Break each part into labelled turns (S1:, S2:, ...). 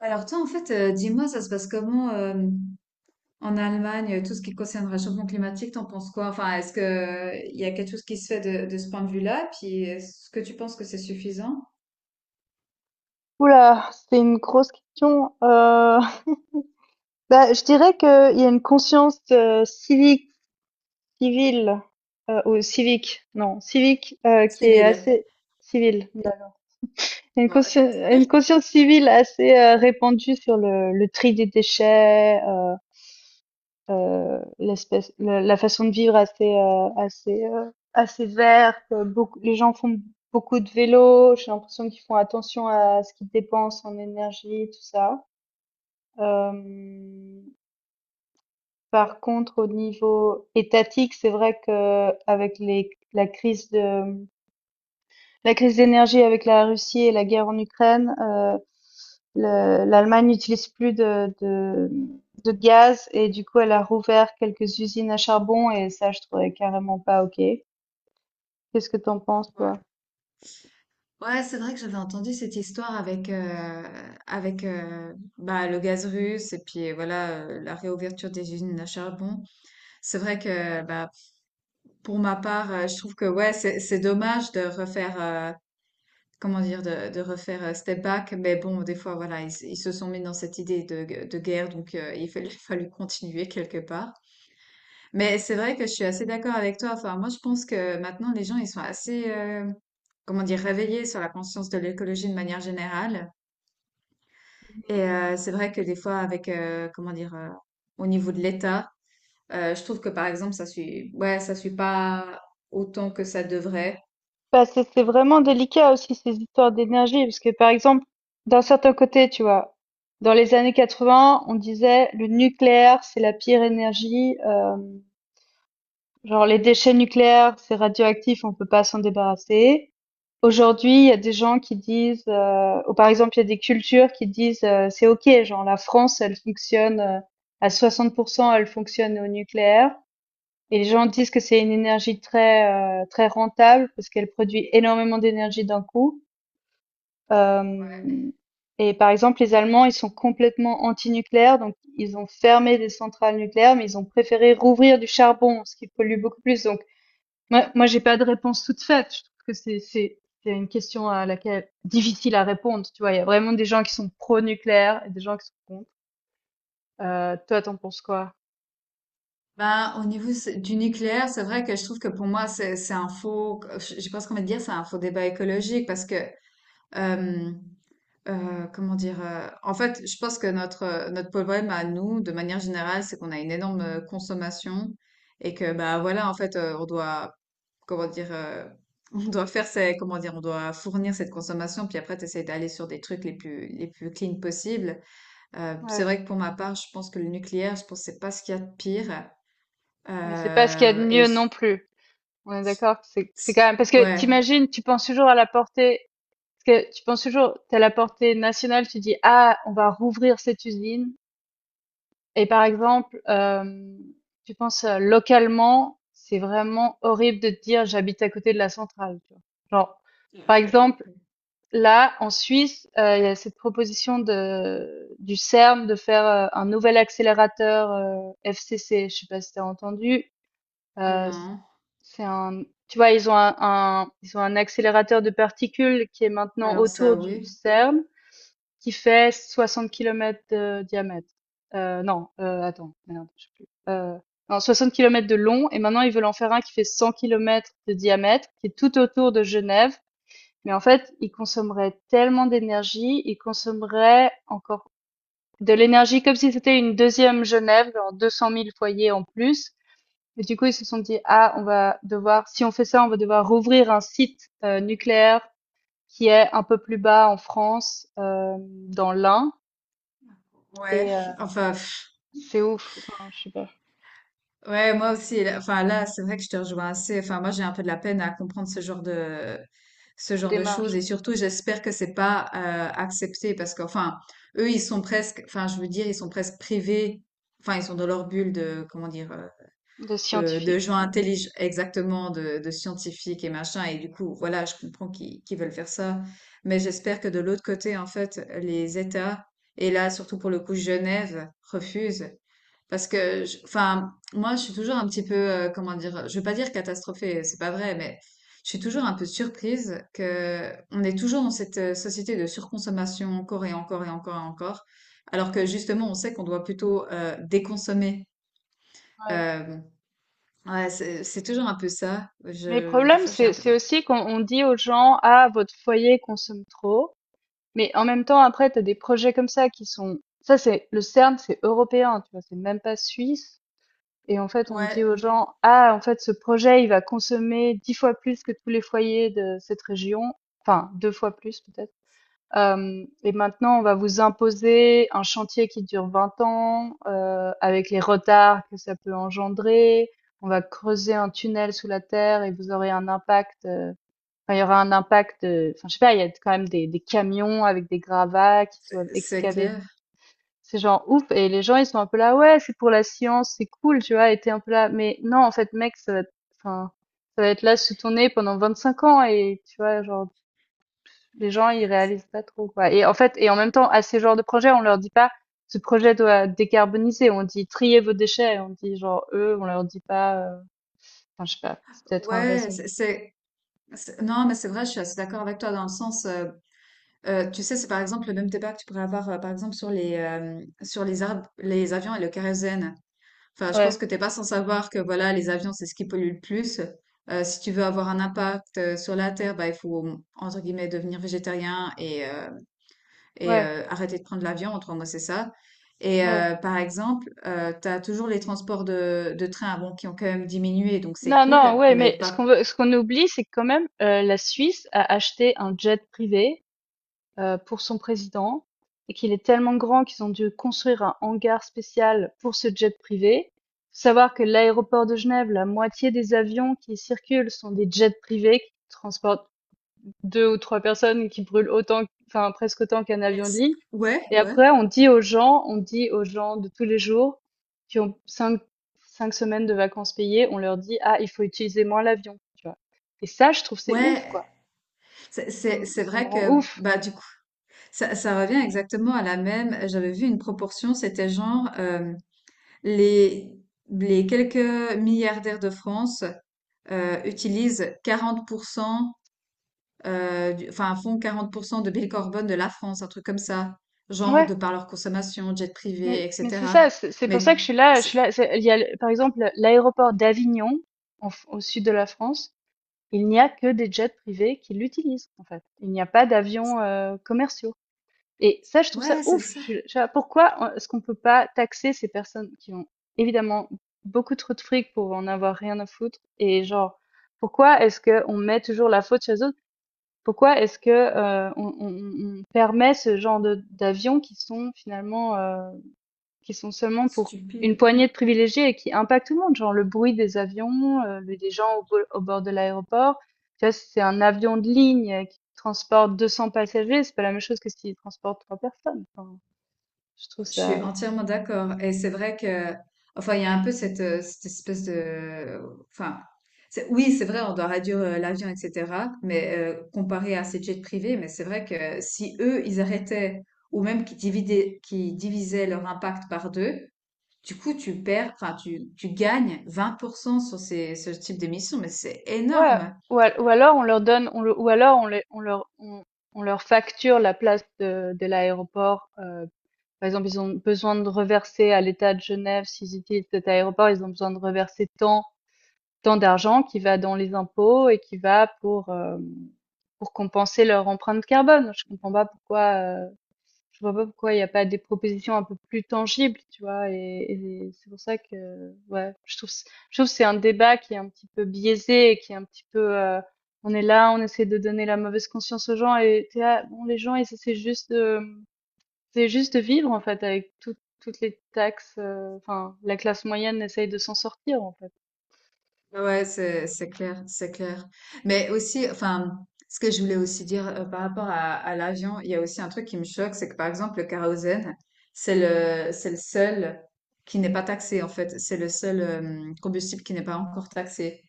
S1: Alors toi, en fait, dis-moi, ça se passe comment en Allemagne, tout ce qui concerne le réchauffement climatique, t'en penses quoi? Enfin, est-ce que il y a quelque chose qui se fait de ce point de vue-là? Puis est-ce que tu penses que c'est suffisant?
S2: Oula, c'est une grosse question. Je dirais qu'il y a une conscience civique, civile, ou civique, non, civique, qui est
S1: Civil.
S2: assez civile. Non. Il y a Une
S1: Ouais, en
S2: conscience,
S1: fait.
S2: une conscience civile assez répandue sur le tri des déchets, l'espèce, la façon de vivre assez verte. Beaucoup, les gens font beaucoup de vélo. J'ai l'impression qu'ils font attention à ce qu'ils dépensent en énergie, tout ça. Hem, Par contre, au niveau étatique, c'est vrai qu'avec les la crise d'énergie avec la Russie et la guerre en Ukraine, le l'Allemagne n'utilise plus de gaz et du coup, elle a rouvert quelques usines à charbon et ça, je trouvais carrément pas OK. Qu'est-ce que t'en penses, toi?
S1: Ouais. Ouais, c'est vrai que j'avais entendu cette histoire avec bah, le gaz russe et puis voilà, la réouverture des usines à charbon. C'est vrai que bah, pour ma part, je trouve que ouais c'est dommage de refaire, comment dire, de refaire step back. Mais bon, des fois, voilà, ils se sont mis dans cette idée de guerre, donc il fallait, fallu continuer quelque part. Mais c'est vrai que je suis assez d'accord avec toi. Enfin, moi, je pense que maintenant, les gens, ils sont assez, comment dire, réveillés sur la conscience de l'écologie de manière générale. Et c'est vrai que des fois, avec, comment dire, au niveau de l'État, je trouve que par exemple, ça suit, ouais, ça suit pas autant que ça devrait.
S2: Bah, c'est vraiment
S1: Euh,
S2: délicat aussi ces histoires d'énergie. Parce que par exemple, d'un certain côté, tu vois, dans les années 80, on disait le nucléaire c'est la pire énergie, genre les déchets nucléaires c'est radioactif, on peut pas s'en débarrasser. Aujourd'hui, il y a des gens qui disent ou par exemple il y a des cultures qui disent c'est OK, genre la France, elle fonctionne à 60% elle fonctionne au nucléaire, et les gens disent que c'est une énergie très rentable parce qu'elle produit énormément d'énergie d'un coup.
S1: ouais.
S2: Hem Et par exemple, les Allemands, ils sont complètement anti-nucléaire, donc ils ont fermé des centrales nucléaires, mais ils ont préféré rouvrir du charbon, ce qui pollue beaucoup plus. Donc j'ai pas de réponse toute faite. Je trouve que c'est une question à laquelle difficile à répondre, tu vois? Il y a vraiment des gens qui sont pro-nucléaire et des gens qui sont contre. Toi, t'en penses quoi?
S1: Ben, au niveau du nucléaire, c'est vrai que je trouve que pour moi, c'est un faux, je sais pas ce qu'on va dire, c'est un faux débat écologique parce que, euh, comment dire, en fait, je pense que notre, notre problème à nous, de manière générale, c'est qu'on a une énorme consommation et que, ben voilà, en fait, on doit, comment dire, on doit faire ces, comment dire, on doit fournir cette consommation, puis après, t'essayes d'aller sur des trucs les plus clean possibles. C'est
S2: Ouais,
S1: vrai que pour ma part, je pense que le nucléaire, je pense que c'est pas ce qu'il y a de pire.
S2: mais c'est pas ce qu'il y a de
S1: Et
S2: mieux non plus. On est d'accord que c'est quand même, parce que
S1: ouais.
S2: t'imagines, tu penses toujours à la portée, parce que tu penses toujours t'as la portée nationale, tu dis ah, on va rouvrir cette usine, et par exemple, tu penses localement, c'est vraiment horrible de te dire j'habite à côté de la centrale, tu vois. Genre par
S1: Ok.
S2: exemple, là en Suisse, il y a cette proposition de du CERN de faire un nouvel accélérateur FCC, je sais pas si t'as entendu. Euh,
S1: Non.
S2: c'est un, tu vois, ils ont ils ont un accélérateur de particules qui est maintenant
S1: Alors ça,
S2: autour du
S1: oui.
S2: CERN, qui fait 60 km de diamètre. Non, Attends, merde, je sais plus. Non, 60 km de long, et maintenant ils veulent en faire un qui fait 100 km de diamètre, qui est tout autour de Genève. Mais en fait, ils consommeraient tellement d'énergie, ils consommeraient encore de l'énergie comme si c'était une deuxième Genève, genre 200 000 foyers en plus. Et du coup, ils se sont dit, ah, on va devoir, si on fait ça, on va devoir rouvrir un site nucléaire qui est un peu plus bas en France, dans l'Ain.
S1: Ouais,
S2: Et euh,
S1: enfin, pff,
S2: c'est ouf, enfin, je sais pas,
S1: ouais, moi aussi. Enfin, là, c'est vrai que je te rejoins assez. Enfin, moi, j'ai un peu de la peine à comprendre ce
S2: la
S1: genre de choses.
S2: démarche
S1: Et surtout, j'espère que c'est pas accepté parce qu'enfin, eux, ils sont presque, enfin, je veux dire, ils sont presque privés. Enfin, ils sont dans leur bulle de, comment dire,
S2: de
S1: de
S2: scientifique.
S1: gens
S2: Ouais.
S1: intelligents, exactement, de scientifiques et machin. Et du coup, voilà, je comprends qu'ils veulent faire ça. Mais j'espère que de l'autre côté, en fait, les États, et là, surtout pour le coup, Genève, refusent. Parce que, enfin, moi, je suis toujours un petit peu, comment dire, je veux pas dire catastrophée, c'est pas vrai, mais je suis toujours un peu surprise que on est toujours dans cette société de surconsommation encore et encore et encore et encore, alors que justement, on sait qu'on doit plutôt déconsommer. Euh, Ouais, c'est toujours un peu ça.
S2: Mais le
S1: Je, des
S2: problème,
S1: fois, j'ai
S2: c'est
S1: un peu
S2: c'est
S1: de...
S2: aussi qu'on on dit aux gens, ah, votre foyer consomme trop. Mais en même temps, après, t'as des projets comme ça qui sont, ça c'est, le CERN, c'est européen, tu vois, c'est même pas suisse. Et en fait, on dit
S1: Ouais,
S2: aux gens, ah, en fait, ce projet, il va consommer 10 fois plus que tous les foyers de cette région, enfin, 2 fois plus peut-être. Et maintenant, on va vous imposer un chantier qui dure 20 ans, avec les retards que ça peut engendrer. On va creuser un tunnel sous la terre et vous aurez un impact. Enfin, il y aura un impact. Enfin, je sais pas. Il y a quand même des camions avec des gravats qui doivent
S1: c'est
S2: excaver.
S1: clair.
S2: C'est genre ouf, et les gens ils sont un peu là ouais c'est pour la science c'est cool tu vois, et t'es un peu là mais non en fait mec ça va être, enfin ça va être là sous ton nez pendant 25 ans, et tu vois genre les gens ils réalisent pas trop quoi. Et en fait, et en même temps, à ces genres de projets on leur dit pas ce projet doit décarboniser, on dit triez vos déchets, on dit genre, eux on leur dit pas enfin je sais pas, c'est peut-être un
S1: Ouais,
S2: raisonnement.
S1: Non, mais c'est vrai, je suis assez d'accord avec toi dans le sens... tu sais, c'est par exemple le même débat que tu pourrais avoir, par exemple, sur les les avions et le kérosène. Enfin, je
S2: ouais
S1: pense que t'es pas sans savoir que, voilà, les avions, c'est ce qui pollue le plus. Si tu veux avoir un impact sur la Terre, bah, il faut, entre guillemets, devenir végétarien et...
S2: ouais
S1: arrêter de prendre l'avion, en trois mots, c'est ça. Et
S2: ouais
S1: par exemple, tu as toujours les transports de train bon, qui ont quand même diminué, donc c'est
S2: non, non,
S1: cool,
S2: ouais,
S1: mais
S2: mais ce qu'on
S1: pas...
S2: veut, ce qu'on oublie, c'est que quand même, la Suisse a acheté un jet privé pour son président, et qu'il est tellement grand qu'ils ont dû construire un hangar spécial pour ce jet privé. Faut savoir que l'aéroport de Genève, la moitié des avions qui circulent sont des jets privés qui transportent 2 ou 3 personnes et qui brûlent autant, enfin presque autant qu'un avion de
S1: Yes.
S2: ligne.
S1: Ouais,
S2: Et
S1: ouais,
S2: après on dit aux gens, on dit aux gens de tous les jours qui ont cinq 5 semaines de vacances payées, on leur dit: «Ah, il faut utiliser moins l'avion», tu vois? Et ça, je trouve c'est ouf,
S1: ouais.
S2: quoi.
S1: C'est
S2: Ça me
S1: vrai
S2: rend
S1: que,
S2: ouf.
S1: bah, du coup, ça revient exactement à la même. J'avais vu une proportion, c'était genre les, les quelques milliardaires de France utilisent 40%. Enfin, font 40% de bilan carbone de la France, un truc comme ça, genre
S2: Ouais.
S1: de par leur consommation, jet privé,
S2: Mais c'est
S1: etc.
S2: ça, c'est pour ça que
S1: Mais
S2: je suis
S1: c'est-
S2: là, c'est il y a le par exemple l'aéroport d'Avignon, en f au sud de la France, il n'y a que des jets privés qui l'utilisent, en fait. Il n'y a pas d'avions, commerciaux, et ça, je trouve ça
S1: ouais, c'est
S2: ouf!
S1: ça,
S2: Je suis pourquoi on est-ce qu'on peut pas taxer ces personnes qui ont évidemment beaucoup trop de fric pour en avoir rien à foutre, et genre, pourquoi est-ce que on met toujours la faute chez les autres? Pourquoi est-ce que, on on permet ce genre de d'avions qui sont finalement, qui sont seulement pour une
S1: stupide.
S2: poignée de privilégiés et qui impactent tout le monde, genre le bruit des avions, des gens au, au bord de l'aéroport. Tu vois, c'est un avion de ligne qui transporte 200 passagers, c'est pas la même chose que s'il transporte trois personnes. Enfin, je trouve
S1: Je
S2: ça...
S1: suis entièrement d'accord. Et c'est vrai que, enfin, il y a un peu cette, cette espèce de, enfin, oui, c'est vrai, on doit réduire l'avion, etc. Mais comparé à ces jets privés, mais c'est vrai que si eux, ils arrêtaient ou même qu'ils divisaient leur impact par deux. Du coup, tu perds, enfin, tu gagnes 20% sur ces, ce type d'émission, mais c'est
S2: Ouais,
S1: énorme.
S2: ou, ou alors on leur donne, ou alors on, on leur facture la place de l'aéroport Par exemple, ils ont besoin de reverser à l'État de Genève, s'ils utilisent cet aéroport, ils ont besoin de reverser tant, tant d'argent qui va dans les impôts et qui va pour compenser leur empreinte carbone. Je comprends pas pourquoi, euh, je vois pas pourquoi il n'y a pas des propositions un peu plus tangibles, tu vois, et c'est pour ça que, ouais, je trouve que c'est un débat qui est un petit peu biaisé et qui est un petit peu, on est là, on essaie de donner la mauvaise conscience aux gens, et t'es là, bon, les gens, ils essaient juste de, c'est juste de vivre en fait avec toutes les taxes, enfin la classe moyenne essaye de s'en sortir en fait.
S1: Ouais, c'est clair, c'est clair. Mais aussi, enfin, ce que je voulais aussi dire par rapport à l'avion, il y a aussi un truc qui me choque, c'est que par exemple, le kérosène, c'est le seul qui n'est pas taxé, en fait. C'est le seul combustible qui n'est pas encore taxé.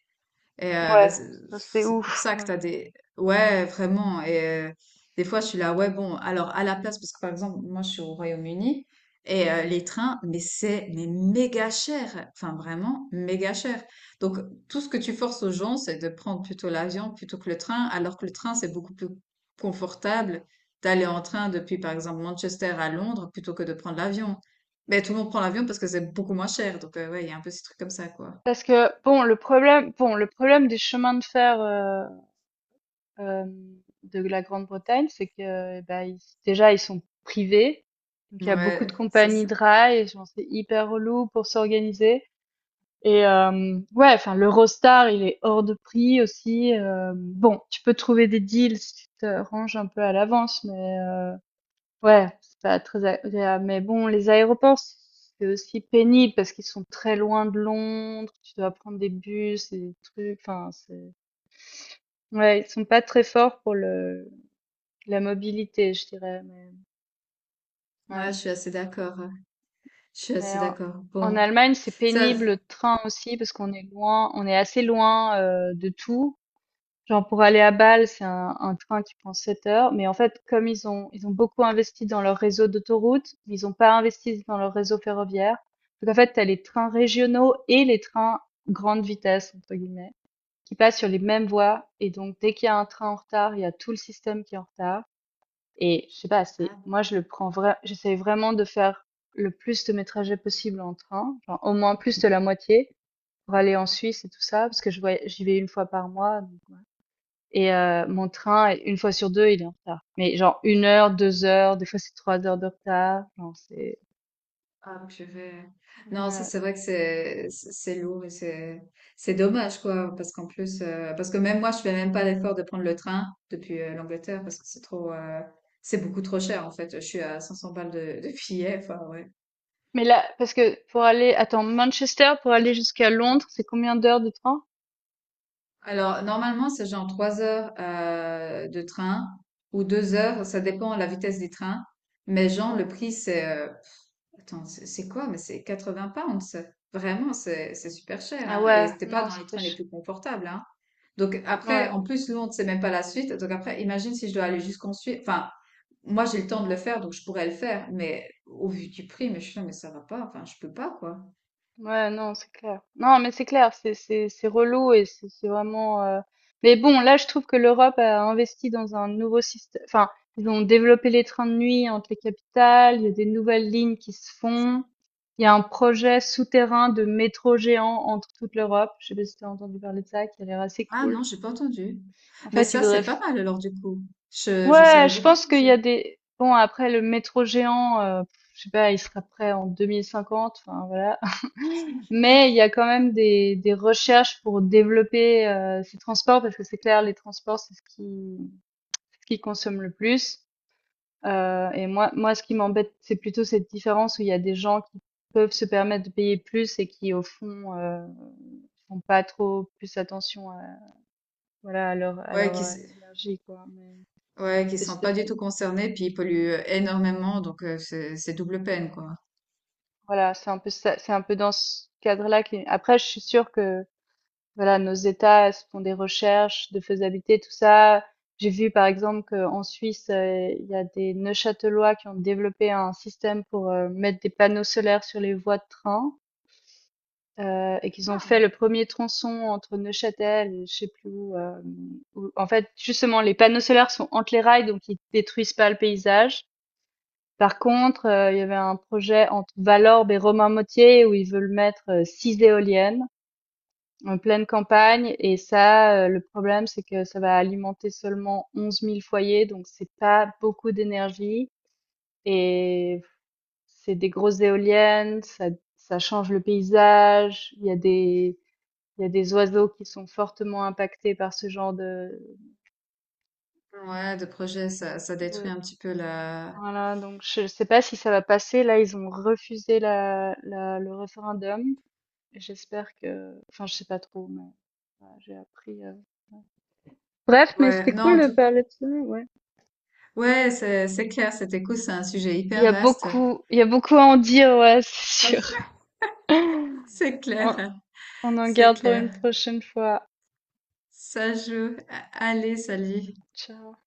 S1: Et
S2: Ouais,
S1: c'est
S2: ça c'est
S1: c'est pour
S2: ouf,
S1: ça que
S2: ouais.
S1: t'as des... Ouais, vraiment. Et des fois, je suis là, ouais, bon, alors à la place, parce que par exemple, moi, je suis au Royaume-Uni, et
S2: Mmh.
S1: les trains, mais c'est mais méga cher. Enfin, vraiment, méga cher. Donc, tout ce que tu forces aux gens, c'est de prendre plutôt l'avion plutôt que le train, alors que le train, c'est beaucoup plus confortable d'aller en train depuis, par exemple, Manchester à Londres plutôt que de prendre l'avion. Mais tout le monde prend l'avion parce que c'est beaucoup moins cher. Donc, ouais, il y a un peu ces trucs comme ça, quoi.
S2: Parce que bon, le problème des chemins de fer, de la Grande-Bretagne, c'est que, eh bah, ils déjà ils sont privés, donc il y a beaucoup de
S1: Ouais, ça,
S2: compagnies
S1: c'est...
S2: de rail, et genre c'est hyper relou pour s'organiser. Et ouais, enfin l'Eurostar, il est hors de prix aussi, bon, tu peux trouver des deals si tu te ranges un peu à l'avance, mais ouais, c'est pas très agréable. Mais bon, les aéroports, c'est aussi pénible parce qu'ils sont très loin de Londres, tu dois prendre des bus et des trucs, enfin, c'est... Ouais, ils sont pas très forts pour le la mobilité, je dirais, mais ouais.
S1: Ouais, je suis assez d'accord. Je suis
S2: Mais
S1: assez d'accord.
S2: en
S1: Bon,
S2: Allemagne, c'est
S1: ça,
S2: pénible le train aussi parce qu'on est loin, on est assez loin de tout. Genre pour aller à Bâle, c'est un train qui prend 7 heures. Mais en fait, comme ils ont beaucoup investi dans leur réseau d'autoroutes, mais ils n'ont pas investi dans leur réseau ferroviaire. Donc en fait, t'as les trains régionaux et les trains grande vitesse entre guillemets qui passent sur les mêmes voies, et donc dès qu'il y a un train en retard, il y a tout le système qui est en retard. Et je sais pas, c'est
S1: ah,
S2: moi je le prends vrai, j'essaie vraiment de faire le plus de mes trajets possible en train, genre au moins plus de la moitié, pour aller en Suisse et tout ça parce que j'y vais une fois par mois. Mon train, une fois sur deux, il est en retard. Mais genre 1 heure, 2 heures, des fois c'est 3 heures de retard. Non, c'est...
S1: hop, je vais. Non, ça,
S2: Ouais.
S1: c'est vrai que c'est lourd et c'est dommage quoi, parce qu'en plus, parce que même moi, je fais même pas l'effort de prendre le train depuis l'Angleterre parce que c'est trop, c'est beaucoup trop cher en fait. Je suis à 500 balles de billet. Enfin ouais.
S2: Mais là, parce que pour aller... Attends, Manchester, pour aller jusqu'à Londres, c'est combien d'heures de train?
S1: Alors normalement, c'est genre 3 heures de train ou 2 heures, ça dépend de la vitesse des trains. Mais genre
S2: Ouais.
S1: le prix, c'est attends, c'est quoi? Mais c'est 80 pounds. Vraiment, c'est super cher.
S2: Ah
S1: Hein? Et
S2: ouais,
S1: c'était pas
S2: non,
S1: dans
S2: ça
S1: les
S2: fait...
S1: trains les plus confortables. Hein? Donc après,
S2: Ouais.
S1: en plus, Londres, c'est même pas la suite. Donc après, imagine si je dois aller jusqu'en Suisse. Enfin, moi, j'ai le temps de le faire, donc je pourrais le faire. Mais au vu du prix, mais je suis là, mais ça va pas. Enfin, je peux pas, quoi.
S2: Ouais, non, c'est clair. Non, mais c'est clair, c'est relou et c'est vraiment. Mais bon, là, je trouve que l'Europe a investi dans un nouveau système. Enfin, ils ont développé les trains de nuit entre les capitales. Il y a des nouvelles lignes qui se font. Il y a un projet souterrain de métro géant entre toute l'Europe. Je sais pas si t'as entendu parler de ça, qui a l'air assez
S1: Ah
S2: cool.
S1: non, j'ai pas entendu.
S2: En
S1: Mais
S2: fait, ils
S1: ça,
S2: voudraient.
S1: c'est pas mal alors du coup. Je
S2: Ouais,
S1: salue
S2: je
S1: beaucoup de
S2: pense qu'il y a
S1: projets.
S2: des. Bon, après le métro géant, je sais pas, il sera prêt en 2050. Enfin, voilà. Mais il y a quand même des recherches pour développer ces transports parce que c'est clair, les transports, c'est ce qui consomme le plus. Et moi, moi, ce qui m'embête, c'est plutôt cette différence où il y a des gens qui peuvent se permettre de payer plus et qui, au fond, font pas trop plus attention à, voilà, à
S1: Ouais,
S2: leur énergie, quoi. Mais
S1: ouais, qui se
S2: c'est,
S1: sentent pas du tout concernés, puis ils polluent énormément, donc c'est double peine, quoi.
S2: voilà, c'est un peu ça, c'est un peu dans ce cadre-là qui, après, je suis sûre que voilà, nos États se font des recherches de faisabilité, tout ça. J'ai vu par exemple qu'en Suisse, il y a des Neuchâtelois qui ont développé un système pour, mettre des panneaux solaires sur les voies de train, et qu'ils ont fait le premier tronçon entre Neuchâtel et je sais plus où, où en fait justement les panneaux solaires sont entre les rails donc ils détruisent pas le paysage. Par contre, il y avait un projet entre Valorbe et Romainmôtier où ils veulent mettre, 6 éoliennes en pleine campagne, et ça, le problème, c'est que ça va alimenter seulement 11 000 foyers, donc c'est pas beaucoup d'énergie, et c'est des grosses éoliennes, ça ça change le paysage. Il y a des, il y a des oiseaux qui sont fortement impactés par ce genre de
S1: Ouais, de projet, ça détruit
S2: de
S1: un petit peu la...
S2: voilà, donc je sais pas si ça va passer. Là, ils ont refusé la la le référendum. J'espère que, enfin, je sais pas trop, mais voilà, j'ai appris, ouais. Bref, mais
S1: Ouais,
S2: c'était
S1: non,
S2: cool
S1: en
S2: de
S1: tout...
S2: parler de ça, ouais.
S1: Ouais, c'est clair, cet écho, c'est un sujet
S2: Il y
S1: hyper
S2: a
S1: vaste.
S2: beaucoup, il y a beaucoup à en dire, ouais, c'est sûr.
S1: C'est clair,
S2: On, on en
S1: c'est
S2: garde pour une
S1: clair.
S2: prochaine fois.
S1: Ça joue. Allez, salut.
S2: Ciao.